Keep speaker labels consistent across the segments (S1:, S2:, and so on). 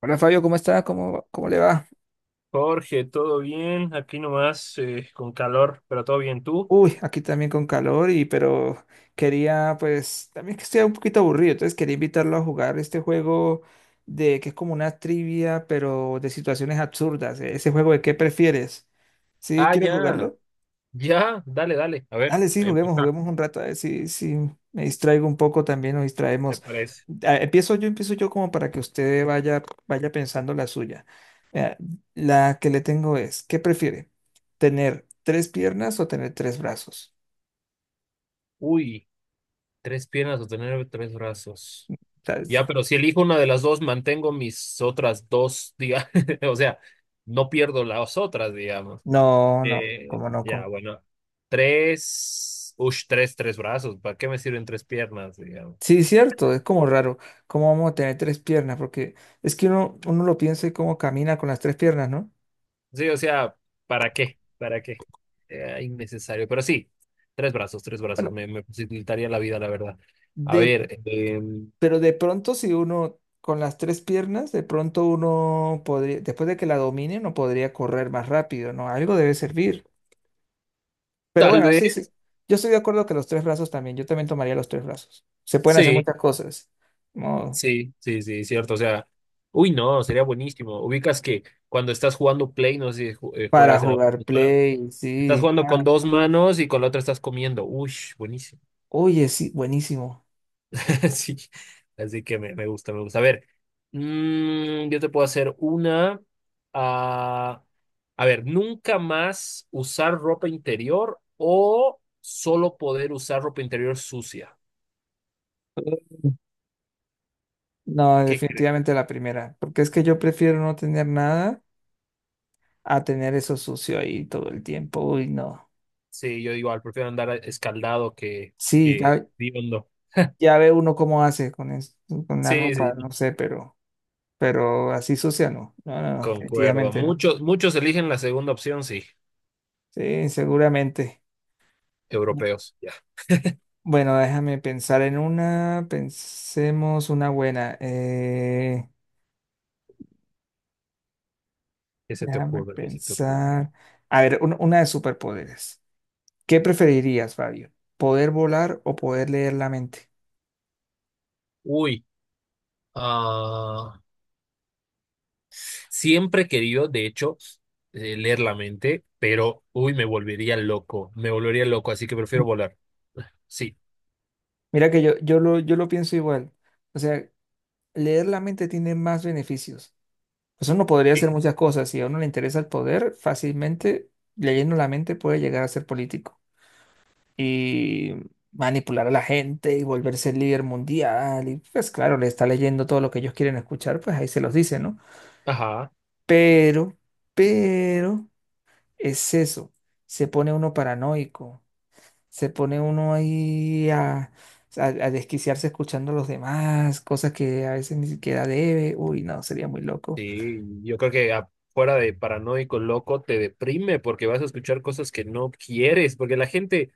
S1: Hola Fabio, ¿cómo está? ¿¿Cómo le va?
S2: Jorge, ¿todo bien? Aquí nomás con calor, pero todo bien. ¿Tú?
S1: Uy, aquí también con calor y pero quería pues también que estoy un poquito aburrido, entonces quería invitarlo a jugar este juego de que es como una trivia pero de situaciones absurdas, ese juego de qué prefieres. ¿Sí
S2: Ah,
S1: quieres
S2: ya,
S1: jugarlo?
S2: ya, dale, dale. A ver,
S1: Dale, sí, juguemos,
S2: empieza,
S1: juguemos un rato, a ver si me distraigo un poco también, nos
S2: me
S1: distraemos.
S2: parece.
S1: Ah, empiezo yo, empiezo yo como para que usted vaya, vaya pensando la suya. Mira, la que le tengo es, ¿qué prefiere? ¿Tener tres piernas o tener tres brazos?
S2: Uy, tres piernas o tener tres brazos.
S1: O sea,
S2: Ya, pero si elijo una de las dos, mantengo mis otras dos, diga, o sea, no pierdo las otras, digamos.
S1: no, no, como no?
S2: Ya,
S1: ¿Cómo?
S2: bueno, tres brazos. ¿Para qué me sirven tres piernas, digamos?
S1: Sí, cierto, es como raro. ¿Cómo vamos a tener tres piernas? Porque es que uno lo piensa y cómo camina con las tres piernas, ¿no?
S2: Sí, o sea, ¿para qué? ¿Para qué? Era innecesario, pero sí, tres brazos,
S1: Bueno,
S2: me facilitaría la vida, la verdad. A ver,
S1: pero de pronto si uno con las tres piernas, de pronto uno podría, después de que la domine, no podría correr más rápido, ¿no? Algo debe servir. Pero
S2: tal
S1: bueno, sí, sí.
S2: vez,
S1: Yo estoy de acuerdo que los tres brazos también, yo también tomaría los tres brazos. Se pueden hacer
S2: sí,
S1: muchas cosas, ¿no?
S2: sí, cierto, o sea, uy, no, sería buenísimo. Ubicas que cuando estás jugando Play, no sé si ju-
S1: Para
S2: juegas en la
S1: jugar
S2: consola,
S1: play,
S2: estás
S1: sí.
S2: jugando
S1: Ah,
S2: con dos manos y con la otra estás comiendo, uy, buenísimo.
S1: oye, sí, buenísimo.
S2: Así, así que me gusta, me gusta. A ver, yo te puedo hacer una. ah, a ver, nunca más usar ropa interior o solo poder usar ropa interior sucia.
S1: No,
S2: ¿Qué crees?
S1: definitivamente la primera, porque es que yo prefiero no tener nada a tener eso sucio ahí todo el tiempo. Uy, no.
S2: Sí, yo igual, prefiero andar escaldado
S1: Sí,
S2: que
S1: ya,
S2: hediondo.
S1: ya ve uno cómo hace con, con la
S2: Sí,
S1: ropa,
S2: sí,
S1: no sé, pero así sucia no. No, no, no,
S2: concuerdo.
S1: definitivamente no.
S2: Muchos, muchos eligen la segunda opción, sí.
S1: Sí, seguramente. Bu-
S2: Europeos, ya.
S1: Bueno, déjame pensar en una. Pensemos una buena.
S2: ¿Qué se te
S1: Déjame
S2: ocurre? ¿Qué se te ocurre?
S1: pensar. A ver, una de superpoderes. ¿Qué preferirías, Fabio? ¿Poder volar o poder leer la mente?
S2: Uy, ah, Siempre he querido, de hecho, leer la mente, pero, uy, me volvería loco, así que prefiero volar. Sí.
S1: Mira que yo, yo lo pienso igual. O sea, leer la mente tiene más beneficios. Pues uno podría
S2: Sí.
S1: hacer muchas cosas. Si a uno le interesa el poder, fácilmente, leyendo la mente, puede llegar a ser político y manipular a la gente y volverse el líder mundial. Y pues claro, le está leyendo todo lo que ellos quieren escuchar, pues ahí se los dice, ¿no?
S2: Ajá,
S1: Pero, pero, es eso. Se pone uno paranoico, se pone uno ahí a desquiciarse escuchando a los demás, cosas que a veces ni siquiera debe. Uy, no, sería muy loco.
S2: sí, yo creo que fuera de paranoico, loco, te deprime porque vas a escuchar cosas que no quieres, porque la gente,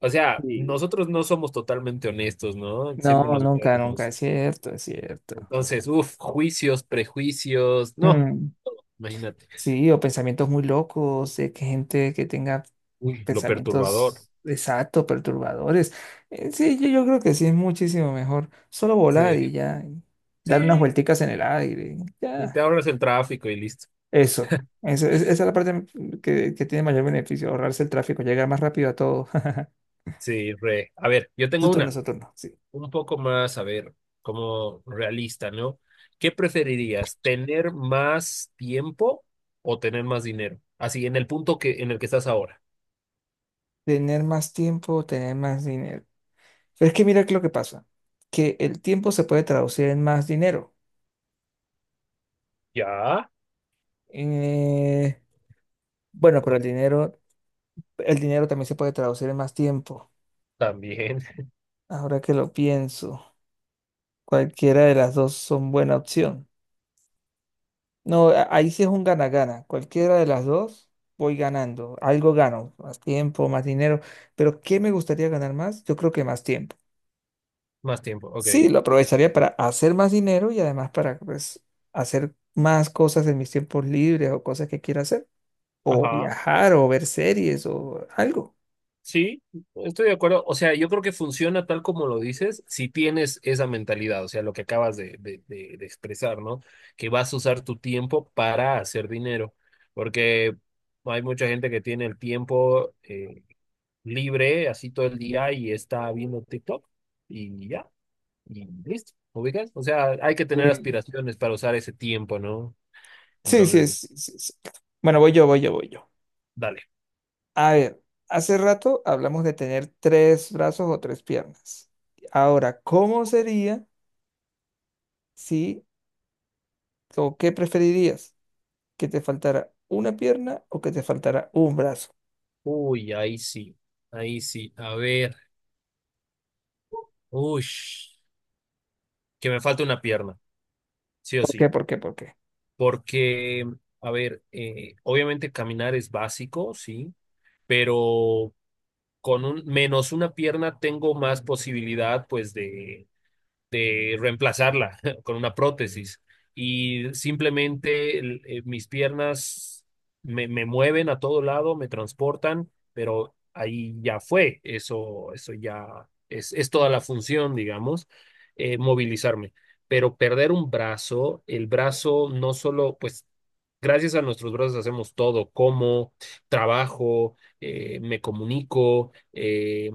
S2: o sea, nosotros no somos totalmente honestos, ¿no? Siempre
S1: No,
S2: nos
S1: nunca, nunca,
S2: guardamos.
S1: es cierto, es cierto.
S2: Entonces, uff, juicios, prejuicios, no,
S1: Mm,
S2: imagínate,
S1: sí, o pensamientos muy locos, de que gente que tenga
S2: uy, lo perturbador.
S1: pensamientos exactos, perturbadores. Sí, yo, yo creo que sí es muchísimo mejor. Solo volar
S2: Sí,
S1: y ya, y dar unas
S2: sí,
S1: vuelticas en el aire, y
S2: y
S1: ya.
S2: te ahorras el tráfico y listo.
S1: Eso, esa es la parte que tiene mayor beneficio, ahorrarse el tráfico, llegar más rápido a todo.
S2: Sí, re. A ver, yo tengo una,
S1: Su turno, sí.
S2: un poco más, a ver, como realista, ¿no? ¿Qué preferirías, tener más tiempo o tener más dinero? Así, en el punto en el que estás ahora.
S1: Tener más tiempo, tener más dinero. Pero es que mira que lo que pasa, que el tiempo se puede traducir en más dinero.
S2: Ya,
S1: Eh, bueno, pero el dinero también se puede traducir en más tiempo.
S2: también.
S1: Ahora que lo pienso, cualquiera de las dos son buena opción. No, ahí sí es un gana-gana. Cualquiera de las dos voy ganando. Algo gano, más tiempo, más dinero. Pero ¿qué me gustaría ganar más? Yo creo que más tiempo.
S2: Más tiempo, ok.
S1: Sí, lo aprovecharía para hacer más dinero y además para pues, hacer más cosas en mis tiempos libres o cosas que quiera hacer. O
S2: Ajá.
S1: viajar, o ver series, o algo.
S2: Sí, estoy de acuerdo. O sea, yo creo que funciona tal como lo dices si tienes esa mentalidad, o sea, lo que acabas de expresar, ¿no? Que vas a usar tu tiempo para hacer dinero, porque hay mucha gente que tiene el tiempo libre, así todo el día y está viendo TikTok y ya, y listo, ¿ubicas? O sea, hay que tener
S1: Sí,
S2: aspiraciones para usar ese tiempo, ¿no?
S1: sí, sí,
S2: Entonces,
S1: sí, sí, sí. Bueno, voy yo, voy yo, voy yo.
S2: dale.
S1: A ver, hace rato hablamos de tener tres brazos o tres piernas. Ahora, ¿cómo sería si, o qué preferirías? ¿Que te faltara una pierna o que te faltara un brazo?
S2: Uy, ahí sí, ahí sí. A ver, uy, que me falta una pierna. Sí o
S1: ¿Por
S2: sí,
S1: qué? ¿Por qué? ¿Por qué?
S2: porque, a ver, obviamente caminar es básico, sí, pero con un menos una pierna tengo más posibilidad, pues, de reemplazarla con una prótesis. Y simplemente mis piernas me mueven a todo lado, me transportan, pero ahí ya fue. Eso ya es toda la función, digamos, movilizarme. Pero perder un brazo, el brazo no solo, pues, gracias a nuestros brazos hacemos todo, como trabajo, me comunico,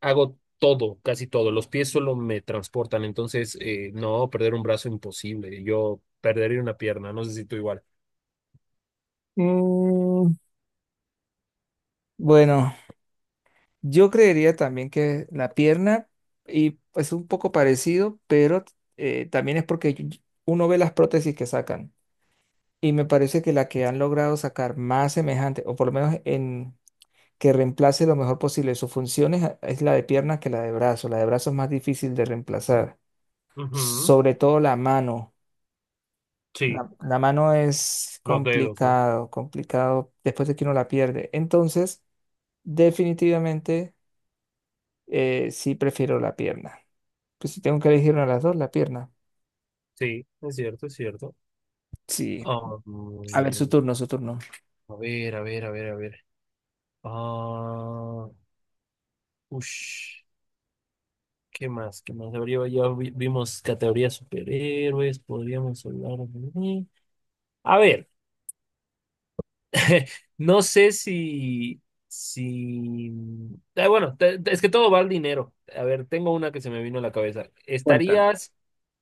S2: hago todo, casi todo. Los pies solo me transportan, entonces no, perder un brazo imposible. Yo perdería una pierna, no sé si tú igual.
S1: Mm, bueno. Yo creería también que la pierna y es un poco parecido, pero también es porque uno ve las prótesis que sacan y me parece que la que han logrado sacar más semejante, o por lo menos en que reemplace lo mejor posible sus funciones, es la de pierna que la de brazo. La de brazo es más difícil de reemplazar,
S2: Ujú,
S1: sobre todo la mano.
S2: sí,
S1: La mano es
S2: los dedos, ¿no?
S1: complicado, complicado después de que uno la pierde. Entonces, definitivamente... sí, prefiero la pierna. Pues si tengo que elegir una de las dos, la pierna.
S2: Sí, es cierto, es cierto.
S1: Sí.
S2: Ah,
S1: A ver, su
S2: mm,
S1: turno, su turno.
S2: a ver, a ver, a ver, a ver. Ah, ush, ¿Qué más? ¿Qué más? Vimos categorías superhéroes, podríamos hablar de... A ver. No sé si, si, ah, bueno, es que todo va al dinero. A ver, tengo una que se me vino a la cabeza.
S1: Cuéntame.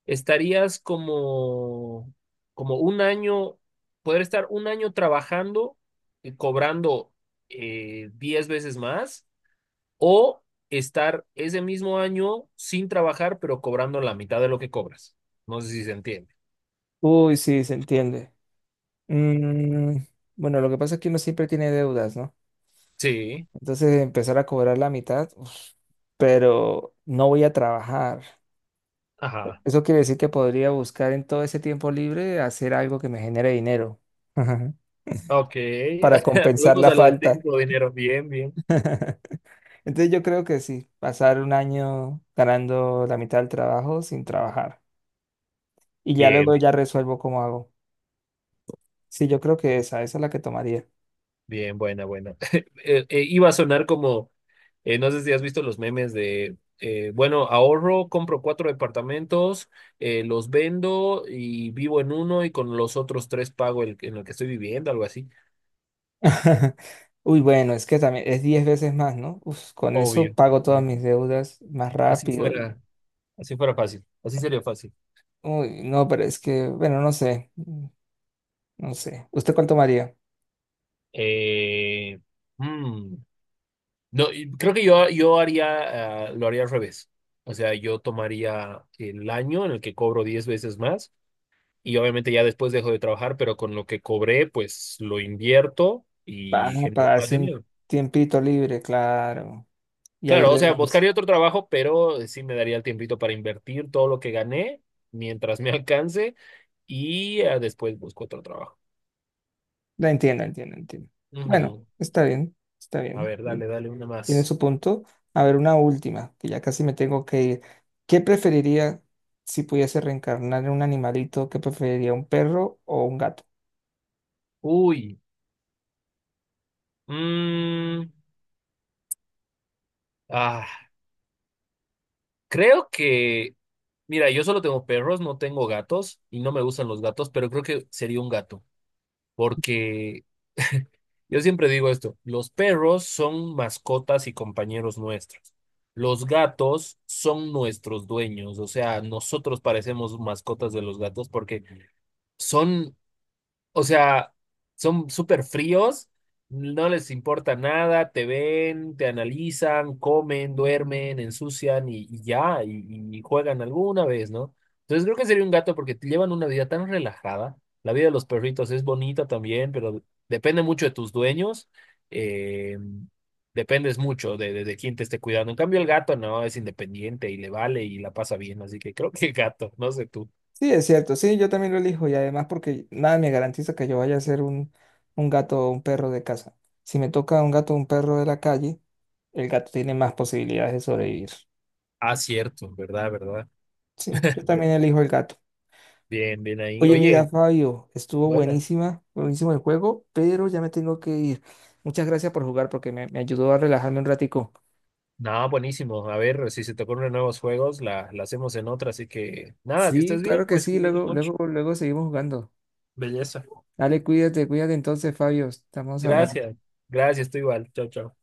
S2: Estarías como, como un año, poder estar un año trabajando y cobrando 10 veces más o estar ese mismo año sin trabajar pero cobrando la mitad de lo que cobras? No sé si se entiende.
S1: Uy, sí, se entiende. Mm, bueno, lo que pasa es que uno siempre tiene deudas, ¿no?
S2: Sí,
S1: Entonces empezar a cobrar la mitad, uf, pero no voy a trabajar.
S2: ajá.
S1: Eso quiere decir que podría buscar en todo ese tiempo libre hacer algo que me genere dinero
S2: Ok,
S1: para compensar
S2: volvemos
S1: la
S2: a lo de
S1: falta.
S2: tiempo, dinero, bien, bien.
S1: Entonces yo creo que sí, pasar un año ganando la mitad del trabajo sin trabajar. Y ya
S2: Bien,
S1: luego
S2: bien,
S1: ya resuelvo cómo hago. Sí, yo creo que esa es la que tomaría.
S2: bien, buena, buena. Iba a sonar como, no sé si has visto los memes de, bueno, ahorro, compro cuatro departamentos, los vendo y vivo en uno y con los otros tres pago el en el que estoy viviendo, algo así.
S1: Uy, bueno, es que también es 10 veces más, ¿no? Uf, con eso
S2: Obvio.
S1: pago
S2: No
S1: todas
S2: hay-
S1: mis deudas más
S2: Así
S1: rápido.
S2: fuera, así fuera fácil, así sería fácil.
S1: Uy, no, pero es que, bueno, no sé, mm, no sé. ¿Usted cuánto tomaría?
S2: Eh, mm, no, y creo que yo haría, lo haría al revés. O sea, yo tomaría el año en el que cobro 10 veces más y obviamente ya después dejo de trabajar, pero con lo que cobré, pues lo invierto
S1: Ah,
S2: y genero
S1: para
S2: más
S1: darse un
S2: dinero.
S1: tiempito libre, claro. Y ahí
S2: Claro, o sea,
S1: renuncia.
S2: buscaría otro trabajo, pero sí me daría el tiempito para invertir todo lo que gané mientras me alcance y después busco otro trabajo.
S1: La entiendo, entiendo, entiendo. Bueno,
S2: Ujú.
S1: está bien, está
S2: A
S1: bien.
S2: ver, dale, dale una
S1: Tiene
S2: más.
S1: su punto. A ver, una última, que ya casi me tengo que ir. ¿Qué preferiría si pudiese reencarnar en un animalito? ¿Qué preferiría, un perro o un gato?
S2: Uy. Mm, ah, creo que, mira, yo solo tengo perros, no tengo gatos y no me gustan los gatos, pero creo que sería un gato. Porque yo siempre digo esto, los perros son mascotas y compañeros nuestros. Los gatos son nuestros dueños, o sea, nosotros parecemos mascotas de los gatos porque son o sea, son súper fríos, no les importa nada, te ven, te analizan, comen, duermen, ensucian y ya, y juegan alguna vez, ¿no? Entonces creo que sería un gato porque te llevan una vida tan relajada. La vida de los perritos es bonita también, pero depende mucho de tus dueños. eh, dependes mucho de quién te esté cuidando. En cambio, el gato no, es independiente y le vale y la pasa bien. Así que creo que gato, no sé tú.
S1: Sí, es cierto, sí, yo también lo elijo y además porque nada me garantiza que yo vaya a ser un gato o un perro de casa. Si me toca un gato o un perro de la calle, el gato tiene más posibilidades de sobrevivir.
S2: Ah, cierto, verdad, verdad.
S1: Sí, yo también elijo el gato.
S2: Bien, bien ahí.
S1: Oye,
S2: Oye,
S1: mira, Fabio, estuvo
S2: buenas.
S1: buenísima, buenísimo el juego, pero ya me tengo que ir. Muchas gracias por jugar porque me ayudó a relajarme un ratico.
S2: Nada, buenísimo. A ver, si se te ocurren nuevos juegos, la hacemos en otra. Así que, nada, que
S1: Sí,
S2: estés bien,
S1: claro que
S2: pues
S1: sí.
S2: cuídate
S1: Luego,
S2: mucho.
S1: luego, luego seguimos jugando.
S2: Belleza.
S1: Dale, cuídate, cuídate entonces, Fabio. Estamos hablando.
S2: Gracias. Gracias, tú igual. Chao, chao.